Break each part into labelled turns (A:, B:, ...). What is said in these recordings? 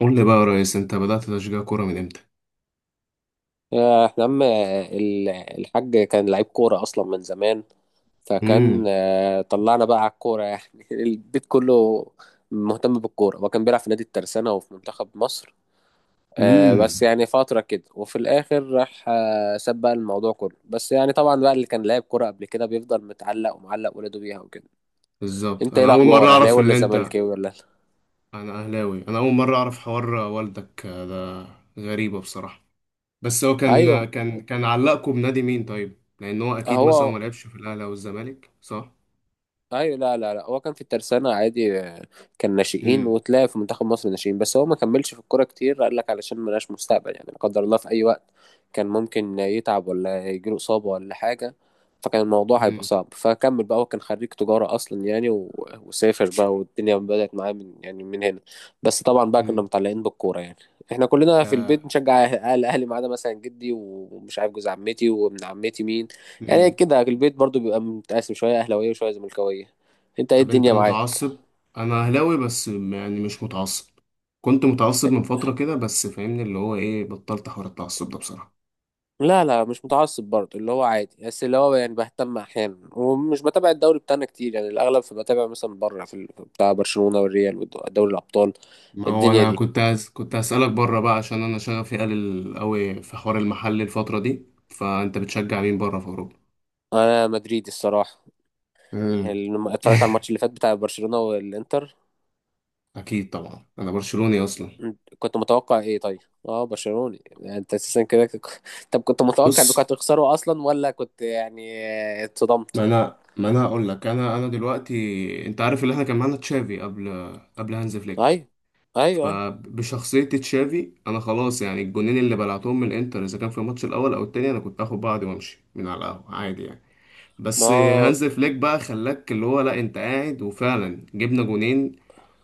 A: قول لي بقى يا ريس، انت بدأت تشجيع كورة من امتى؟
B: يا احنا عم ال- الحاج كان لعيب كورة أصلا من زمان. فكان
A: امم.
B: آه، طلعنا بقى على الكورة يعني البيت كله مهتم بالكورة، وكان بيلعب في نادي الترسانة وفي منتخب مصر. بس
A: امم.
B: يعني فترة كده، وفي الآخر راح، ساب بقى الموضوع كله. بس يعني طبعا بقى اللي كان لاعب كورة قبل كده بيفضل متعلق ومعلق ولاده بيها وكده.
A: بالظبط،
B: انت ايه
A: انا اول مرة
B: الأخبار؟ أهلاوي
A: اعرف ان
B: ولا
A: انت.
B: زملكاوي ولا؟
A: انا اهلاوي. انا اول مرة اعرف حوار والدك ده، غريبة بصراحة. بس هو كان
B: أيوه.
A: كان كان علقكم بنادي مين طيب؟ لان هو اكيد مثلا ما
B: هو
A: لعبش في الاهلي او الزمالك، صح؟
B: ايوه، لا لا لا، هو كان في الترسانة عادي. كان ناشئين،
A: امم.
B: وتلاقي في منتخب مصر ناشئين، بس هو ما كملش في الكورة كتير. قال لك علشان ملهاش مستقبل يعني، لا قدر الله، في اي وقت كان ممكن يتعب ولا يجيله إصابة ولا حاجة، فكان الموضوع هيبقى
A: امم.
B: صعب. فكمل بقى، هو كان خريج تجارة أصلا يعني وسافر بقى، والدنيا بدأت معاه من، يعني، من هنا. بس طبعا بقى كنا
A: امم.
B: متعلقين بالكورة يعني. احنا كلنا في
A: آه.
B: البيت بنشجع أهل الأهلي، ما عدا مثلا جدي ومش عارف جوز عمتي وابن عمتي مين. يعني
A: امم.
B: كده البيت برضو بيبقى متقاسم، شوية أهلاوية وشوية زملكاوية. أنت إيه
A: طب انت
B: الدنيا معاك؟
A: متعصب؟ انا اهلاوي بس يعني مش متعصب. كنت متعصب من فترة كده بس فاهمني اللي هو ايه، بطلت حوار التعصب ده بصراحة.
B: لا لا، مش متعصب برضو، اللي هو عادي، بس اللي هو يعني بهتم أحيانا، ومش بتابع الدوري بتاعنا كتير يعني، الأغلب فبتابع مثلا بره بتاع برشلونة والريال ودوري الأبطال.
A: ما هو
B: الدنيا
A: انا
B: دي،
A: كنت هسألك بره بقى، عشان انا شغفي قليل قوي في حوار المحل الفترة دي. فانت بتشجع مين بره في اوروبا؟
B: أنا مدريدي الصراحة.
A: امم.
B: اتفرجت على الماتش اللي فات بتاع برشلونة والإنتر.
A: اكيد طبعا، انا برشلوني اصلا.
B: انت كنت متوقع إيه طيب؟ أه، برشلوني يعني، أنت أساسا كده طب كنت متوقع إنكم
A: بص،
B: هتخسروا أصلا، ولا كنت يعني اتصدمت؟
A: ما انا هقول لك، انا دلوقتي، انت عارف اللي احنا كان معانا تشافي قبل، قبل هانز فليك.
B: ايوه، ايوه، ايوه.
A: فبشخصية تشافي انا خلاص، يعني الجونين اللي بلعتهم من الانتر، اذا كان في الماتش الاول او التاني انا كنت اخد بعضي وامشي من على القهوة عادي يعني.
B: ما
A: بس
B: هو
A: هانز فليك بقى خلاك اللي هو، لا، انت قاعد، وفعلا جبنا جونين.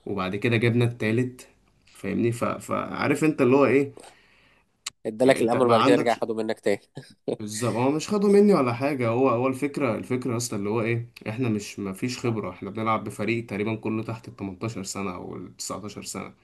A: وبعد كده جبنا التالت. فاهمني. فعارف انت اللي هو ايه.
B: ادالك
A: انت
B: الامل
A: ما
B: وبعد كده رجع
A: عندكش.
B: خده منك تاني.
A: بالظبط، هو مش خده مني ولا حاجة. هو الفكرة اصلا اللي هو ايه، احنا مش، ما فيش خبرة. احنا بنلعب بفريق تقريبا كله تحت ال 18 سنة او ال 19 سنة.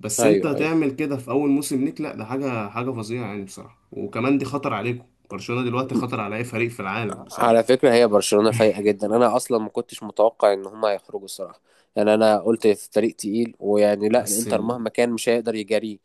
A: بس انت
B: ايوه، ايوه.
A: تعمل كده في اول موسم ليك؟ لا، ده حاجة حاجة فظيعة يعني بصراحة. وكمان دي خطر عليكم. برشلونة دلوقتي خطر على اي فريق في العالم
B: على
A: بصراحة.
B: فكره هي برشلونه فايقه جدا، انا اصلا ما كنتش متوقع ان هما هيخرجوا الصراحه. يعني انا قلت الفريق تقيل، ويعني لا،
A: بس
B: الانتر
A: ال...
B: مهما كان مش هيقدر يجاريه.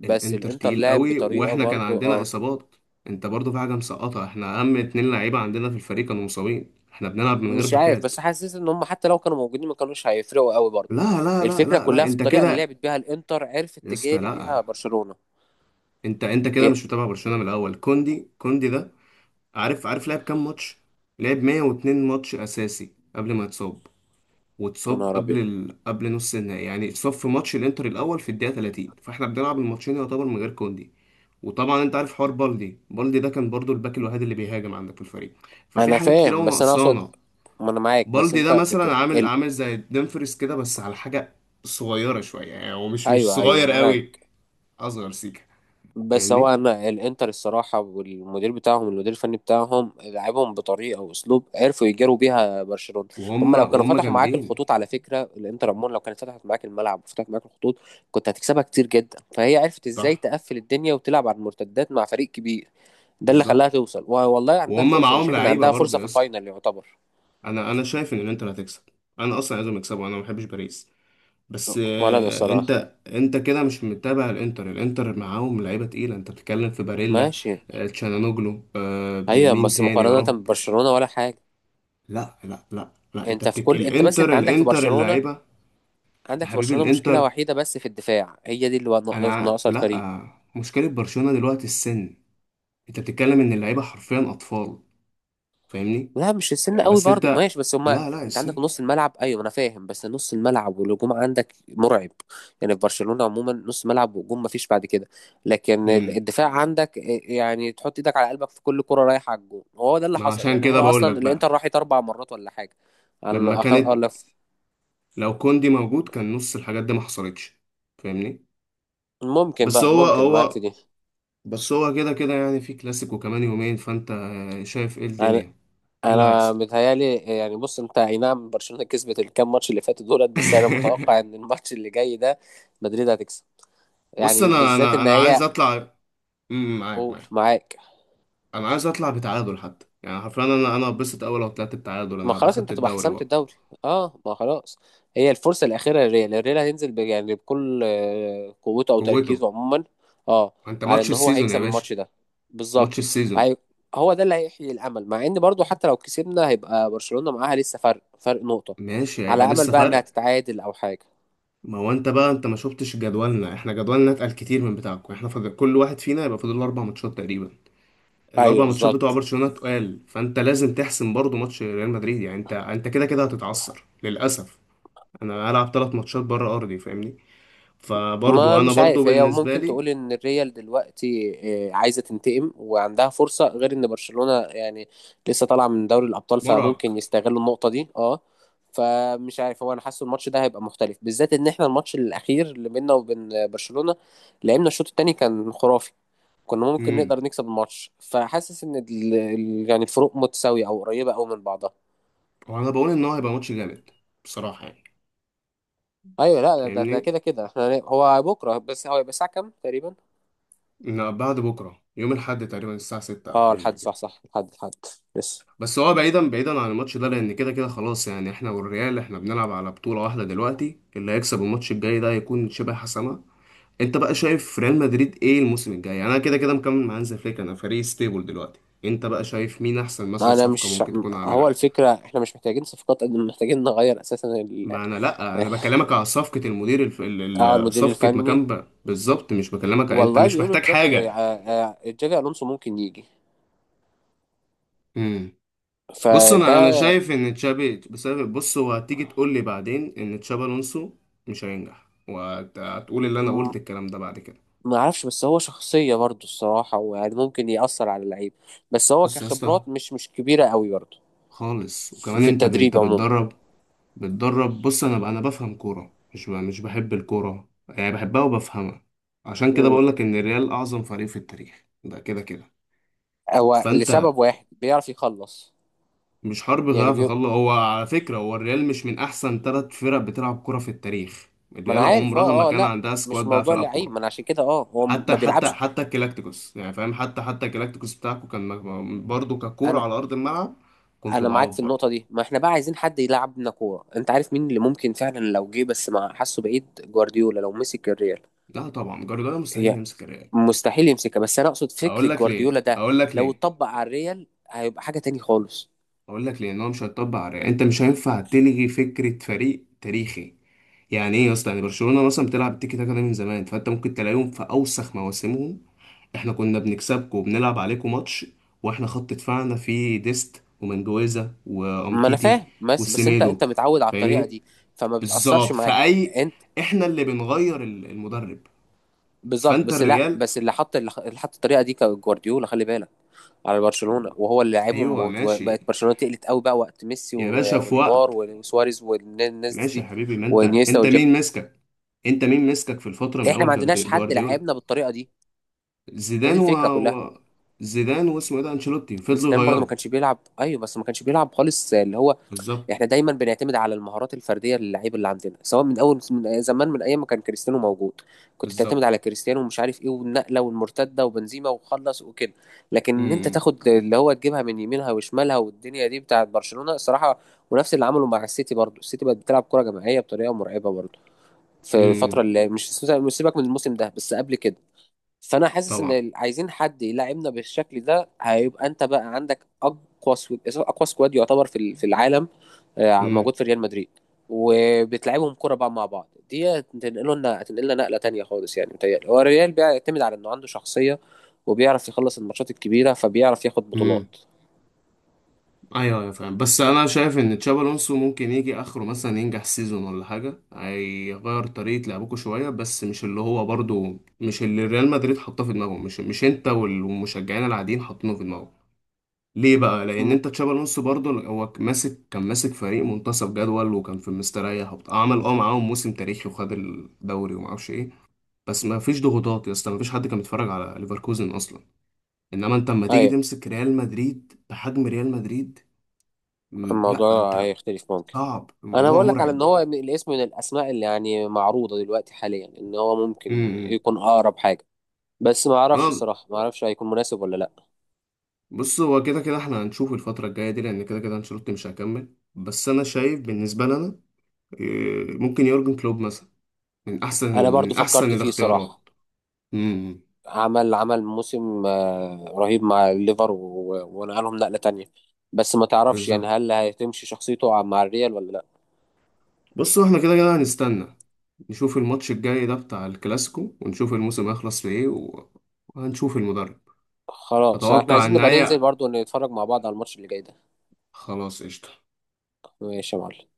B: بس
A: الانتر
B: الانتر
A: تقيل
B: لعب
A: قوي
B: بطريقه
A: واحنا كان
B: برضو،
A: عندنا
B: اه.
A: اصابات. انت برضو في حاجه مسقطه، احنا اهم اتنين لعيبه عندنا في الفريق كانوا مصابين، احنا بنلعب من غير
B: مش عارف،
A: باكات.
B: بس حاسس ان هم حتى لو كانوا موجودين ما كانوش هيفرقوا قوي برضو.
A: لا لا لا
B: الفكره
A: لا لا،
B: كلها في
A: انت
B: الطريقه اللي
A: كده.
B: لعبت بيها الانتر، عرفت
A: يا اسطى،
B: تجاري
A: لا.
B: بيها برشلونه.
A: انت كده
B: يا
A: مش متابع برشلونه من الاول. كوندي، كوندي ده، عارف؟ عارف لعب كام ماتش؟ لعب 102 ماتش اساسي قبل ما يتصاب.
B: يا
A: واتصاب
B: نهار ابيض.
A: قبل نص النهائي، يعني اتصاب في ماتش الانتر الاول في الدقيقه 30، فاحنا بنلعب الماتشين يعتبر من غير كوندي. وطبعا انت عارف حوار بالدي، بالدي ده كان برضو الباك الوحيد اللي بيهاجم عندك في الفريق. ففي
B: انا
A: حاجات كتير
B: فاهم،
A: قوي
B: بس انا اقصد،
A: ناقصانا.
B: ما انا معاك، بس
A: بالدي ده مثلا عامل عامل زي ديمفريس كده، بس على حاجه صغيره شويه، يعني هو مش
B: ايوه، ايوه،
A: صغير قوي.
B: معاك.
A: اصغر سيكه.
B: بس هو
A: فاهمني.
B: انا الانتر الصراحه، والمدير بتاعهم، المدير الفني بتاعهم، لعبهم بطريقه واسلوب عرفوا يجاروا بيها برشلونه.
A: وهم
B: هم لو كانوا
A: وهم
B: فتحوا معاك
A: جامدين.
B: الخطوط، على فكره الانتر عموما لو كانت فتحت معاك الملعب وفتحت معاك الخطوط، كنت هتكسبها كتير جدا. فهي عرفت ازاي
A: صح.
B: تقفل الدنيا وتلعب على المرتدات مع فريق كبير. ده اللي خلاها
A: بالظبط،
B: توصل، والله عندها
A: وهم
B: فرصه، انا
A: معاهم
B: شايف ان
A: لعيبه
B: عندها
A: برضو
B: فرصه
A: يا
B: في
A: اسطى.
B: الفاينل يعتبر.
A: انا شايف ان الانتر هتكسب. انا اصلا عايزهم يكسبوا، انا ما بحبش باريس. بس
B: ولا انا الصراحه،
A: انت كده مش متابع الانتر. الانتر معاهم لعيبه تقيله، انت بتتكلم في باريلا،
B: ماشي.
A: تشانانوجلو،
B: ايوه،
A: بمين
B: بس
A: تاني يا
B: مقارنه
A: رب.
B: ببرشلونه ولا حاجه.
A: لا لا لا لا،
B: انت في كل انت بس
A: الانتر
B: انت عندك في
A: الانتر
B: برشلونة،
A: اللعيبه. يا
B: عندك في
A: حبيبي
B: برشلونة مشكلة
A: الانتر.
B: وحيدة بس في الدفاع، هي دي اللي هو
A: انا ع-
B: ناقصه
A: لا
B: الفريق.
A: آه، مشكله برشلونه دلوقتي السن. انت بتتكلم ان اللعيبه حرفيا اطفال. فاهمني.
B: لا، مش السن قوي
A: بس
B: برضو،
A: انت.
B: ماشي، بس هما.
A: لا لا،
B: انت عندك
A: السن.
B: نص الملعب، ايوه انا فاهم، بس نص الملعب والهجوم عندك مرعب. يعني في برشلونة عموما نص ملعب وهجوم، مفيش بعد كده. لكن
A: مم.
B: الدفاع عندك، يعني تحط ايدك على قلبك في كل كرة رايحة على الجون، وهو ده اللي
A: ما
B: حصل
A: عشان
B: يعني.
A: كده
B: هما
A: بقول لك
B: اصلا الانتر
A: بقى،
B: راحت 4 مرات ولا حاجة.
A: لما
B: على
A: كانت،
B: على-
A: لو كوندي موجود كان نص الحاجات دي ما حصلتش. فاهمني.
B: ممكن
A: بس
B: بقى،
A: هو
B: ممكن معاك في
A: هو بس هو كده كده يعني، في كلاسيكو كمان يومين. فانت شايف ايه
B: دي.
A: الدنيا؟ ايه اللي
B: انا
A: هيحصل؟
B: متهيالي يعني، بص، انت اي نعم برشلونه كسبت الكام ماتش اللي فاتوا دولت، بس انا متوقع ان الماتش اللي جاي ده مدريد هتكسب.
A: بص
B: يعني
A: انا
B: بالذات
A: انا
B: ان
A: انا عايز
B: هي،
A: اطلع. أمم، معاك
B: قول
A: معاك.
B: معاك.
A: انا عايز اطلع بتعادل حتى، يعني حرفيا انا اتبسط. اول لو طلعت بتعادل
B: ما
A: انا هبقى
B: خلاص، انت
A: خدت
B: هتبقى
A: الدوري
B: حسمت
A: بقى.
B: الدوري. اه، ما خلاص. هي الفرصه الاخيره للريال، الريال هينزل يعني بكل، قوته او
A: قوته.
B: تركيزه عموما. اه،
A: ما انت
B: على
A: ماتش
B: ان هو
A: السيزون يا
B: هيكسب
A: باشا.
B: الماتش ده.
A: ماتش
B: بالظبط.
A: السيزون.
B: هي- هو ده اللي هيحيي الامل، مع ان برضو حتى لو كسبنا هيبقى برشلونه معاها لسه فرق نقطه،
A: ماشي، هيبقى
B: على امل
A: لسه
B: بقى انها
A: فرق.
B: تتعادل او حاجه.
A: ما هو انت بقى، ما شفتش جدولنا؟ احنا جدولنا اتقل كتير من بتاعكم. احنا فاضل كل واحد فينا يبقى فاضل له اربع ماتشات تقريبا.
B: ايوه،
A: الاربع ماتشات بتوع
B: بالظبط.
A: برشلونه تقال، فانت لازم تحسم برضو ماتش ريال مدريد. يعني انت كده كده هتتعثر للاسف. انا هلعب ثلاث ماتشات بره ارضي فاهمني.
B: ما
A: فبرضو انا
B: مش
A: برضو
B: عارف، هي
A: بالنسبه
B: ممكن
A: لي
B: تقول ان الريال دلوقتي عايزه تنتقم وعندها فرصه، غير ان برشلونه يعني لسه طالعه من دوري الابطال،
A: مرهق.
B: فممكن يستغلوا النقطه دي، اه. فمش عارف، هو انا حاسه الماتش ده هيبقى مختلف، بالذات ان احنا الماتش الاخير اللي بيننا وبين برشلونه لعبنا الشوط الثاني كان خرافي. كنا ممكن
A: امم.
B: نقدر نكسب الماتش. فحاسس ان يعني الفروق متساويه او قريبه قوي من بعضها.
A: وانا بقول ان هو هيبقى ماتش جامد بصراحه يعني.
B: ايوه، لا، ده
A: فاهمني.
B: كده كده، هو بكره، بس هو هيبقى الساعه كام تقريبا؟
A: إن بعد بكره يوم الاحد تقريبا الساعه 6 او
B: اه،
A: حاجه زي
B: الحد، صح
A: كده.
B: صح، الحد. بس
A: بس هو بعيدا بعيدا عن الماتش ده لان كده كده خلاص يعني. احنا والريال احنا بنلعب على بطوله واحده دلوقتي. اللي هيكسب الماتش الجاي ده هيكون شبه حسمه. انت بقى شايف ريال مدريد ايه الموسم الجاي؟ يعني انا كده كده مكمل مع هانز فليك، انا فريق ستيبل دلوقتي. انت بقى شايف مين احسن مثلا
B: انا
A: صفقة
B: مش
A: ممكن تكون
B: هو
A: عاملها؟
B: الفكره، احنا مش محتاجين صفقات قد ما محتاجين نغير اساسا
A: ما انا لا، انا
B: اه.
A: بكلمك على صفقة المدير الف... ال- ال-
B: المدير
A: صفقة
B: الفني،
A: مكان بقى بالظبط، مش بكلمك انت
B: والله
A: مش
B: بيقولوا
A: محتاج
B: جافي
A: حاجة.
B: آه، آه، جافي الونسو ممكن يجي،
A: امم. بص انا
B: فده.
A: شايف ان تشابي بسبب، بص هو هتيجي تقول لي بعدين ان تشابي الونسو مش هينجح، وهتقول اللي انا
B: م-
A: قلت الكلام ده بعد كده.
B: ما اعرفش، بس هو شخصيه برضه الصراحه، ويعني ممكن ياثر على اللعيب. بس هو
A: بص يا اسطى،
B: كخبرات مش كبيره قوي برضه،
A: خالص.
B: في
A: وكمان
B: في
A: انت
B: التدريب عموما.
A: بتدرب. بص انا بفهم كوره، مش بحب الكوره يعني، بحبها وبفهمها. عشان كده
B: مم.
A: بقولك ان الريال اعظم فريق في التاريخ ده كده كده.
B: هو
A: فانت
B: لسبب واحد بيعرف يخلص.
A: مش حرب
B: يعني
A: غاف يخلص هو على فكره. هو الريال مش من احسن ثلاث فرق بتلعب كوره في التاريخ.
B: ما انا
A: الريال
B: عارف،
A: عمرها ما
B: اه اه،
A: كان
B: لا،
A: عندها
B: مش
A: سكواد بقى
B: موضوع
A: تلعب
B: لعيب،
A: كوره.
B: ما انا عشان كده. اه،
A: حتى
B: ما
A: حتى
B: بيلعبش.
A: حتى الكلاكتيكوس يعني فاهم، حتى الكلاكتيكوس بتاعكم برضه ككوره
B: انا
A: على ارض الملعب كنتوا
B: انا معاك في
A: ضعاف برضه.
B: النقطه دي. ما احنا بقى عايزين حد يلعبنا كوره، انت عارف مين اللي ممكن فعلا لو جه؟ بس ما حاسه بعيد. جوارديولا لو مسك الريال.
A: لا طبعا، جوارديولا مستحيل
B: هي
A: يمسك الريال.
B: مستحيل يمسكها، بس انا اقصد
A: اقول
B: فكر
A: لك
B: جوارديولا
A: ليه،
B: ده
A: اقول لك
B: لو
A: ليه.
B: اتطبق على الريال هيبقى حاجه تاني خالص.
A: اقول لك، لان هو مش هيطبق على، انت مش هينفع تلغي فكره فريق تاريخي. يعني ايه يا اسطى؟ يعني برشلونه مثلا بتلعب التيكي تاكا ده من زمان، فانت ممكن تلاقيهم في اوسخ مواسمهم، احنا كنا بنكسبكم وبنلعب عليكم ماتش واحنا خط دفاعنا فيه ديست ومنجويزا
B: ما انا
A: وامتيتي
B: فاهم، بس، انت
A: والسيميدو.
B: انت متعود على الطريقه
A: فاهمني.
B: دي، فما بتاثرش
A: بالظبط
B: معاك.
A: فاي.
B: انت
A: احنا اللي بنغير المدرب.
B: بالظبط،
A: فانت
B: بس، لا،
A: الريال.
B: بس اللي حط الطريقه دي كان جوارديولا، خلي بالك. على برشلونة، وهو اللي لعبهم
A: ايوه
B: وبقت
A: ماشي.
B: برشلونة تقلت قوي بقى وقت ميسي
A: يا باشا في
B: ونيمار
A: وقت.
B: وسواريز والناس
A: ماشي يا
B: دي،
A: حبيبي، ما انت
B: وانيستا
A: انت
B: والجاب.
A: مين ماسكك؟ انت مين ماسكك في الفتره من
B: احنا
A: اول
B: ما عندناش حد
A: جوارديولا،
B: لعبنا بالطريقة دي، هي
A: زيدان
B: دي
A: و...
B: الفكرة كلها.
A: و... زيدان واسمه ايه ده، انشيلوتي، فضلوا
B: زيدان برضه ما
A: يغيروا.
B: كانش بيلعب، ايوه، بس ما كانش بيلعب خالص اللي هو.
A: بالظبط.
B: احنا دايما بنعتمد على المهارات الفرديه للعيب اللي عندنا، سواء من اول من زمان من ايام ما كان كريستيانو موجود، كنت تعتمد
A: بالظبط.
B: على كريستيانو ومش عارف ايه والنقله والمرتده وبنزيما، وخلص وكده. لكن
A: امم.
B: ان انت
A: امم.
B: تاخد اللي هو تجيبها من يمينها وشمالها، والدنيا دي بتاعت برشلونه الصراحه. ونفس اللي عمله مع السيتي، برضو السيتي بقت بتلعب كره جماعيه بطريقه مرعبه برضو،
A: إمم.
B: في الفتره
A: إمم.
B: اللي مش سيبك من الموسم ده، بس قبل كده. فانا حاسس ان
A: طبعا.
B: عايزين حد يلعبنا بالشكل ده. هيبقى انت بقى عندك اقوى سكواد، اقوى سكواد يعتبر في العالم،
A: امم.
B: موجود في ريال مدريد. وبتلعبهم كرة بقى مع بعض دي هتنقله لنا هتنقلنا نقلة تانية خالص. يعني متهيألي هو الريال بيعتمد على انه عنده شخصية وبيعرف يخلص الماتشات الكبيرة، فبيعرف ياخد
A: امم.
B: بطولات.
A: ايوه ايوه فاهم، بس انا شايف ان تشابي الونسو ممكن يجي اخره مثلا ينجح سيزون ولا حاجه. هيغير طريقه لعبكم شويه، بس مش اللي هو برضو، مش اللي ريال مدريد حاطاه في دماغهم، مش انت والمشجعين العاديين حاطينه في دماغهم. ليه بقى؟ لان
B: مم.
A: انت تشابي الونسو برضه هو كان ماسك فريق منتصف جدول، وكان في مستريح وبتاع، عمل معاهم موسم تاريخي وخد الدوري وما اعرفش ايه. بس ما فيش ضغوطات يا اسطى، ما فيش حد كان بيتفرج على ليفركوزن اصلا. انما انت اما تيجي
B: ايوه،
A: تمسك ريال مدريد بحجم ريال مدريد. لا
B: الموضوع
A: انت.
B: هيختلف ممكن.
A: صعب،
B: انا
A: الموضوع
B: بقول لك على ان
A: مرعب.
B: هو الاسم، من الاسماء اللي يعني معروضة دلوقتي حاليا، ان هو ممكن
A: امم.
B: يكون اقرب حاجة. بس ما اعرفش
A: انا.
B: الصراحه، ما اعرفش هيكون مناسب ولا لا.
A: بص هو كده كده احنا هنشوف الفتره الجايه دي، لان كده كده انشيلوتي مش هيكمل. بس انا شايف بالنسبه لنا ممكن يورجن كلوب مثلا
B: انا برضو
A: من احسن
B: فكرت فيه صراحه.
A: الاختيارات. امم.
B: عمل موسم، رهيب مع الليفر ونقلهم نقله تانية. بس ما تعرفش يعني
A: بالظبط.
B: هل هتمشي شخصيته مع الريال ولا لا.
A: بص احنا كده كده هنستنى، نشوف الماتش الجاي ده بتاع الكلاسيكو، ونشوف الموسم هيخلص في ايه وهنشوف المدرب.
B: خلاص، احنا
A: اتوقع
B: عايزين
A: ان
B: نبقى ننزل
A: هي.
B: برضو نتفرج مع بعض على الماتش اللي جاي ده.
A: خلاص قشطة.
B: ماشي يا معلم.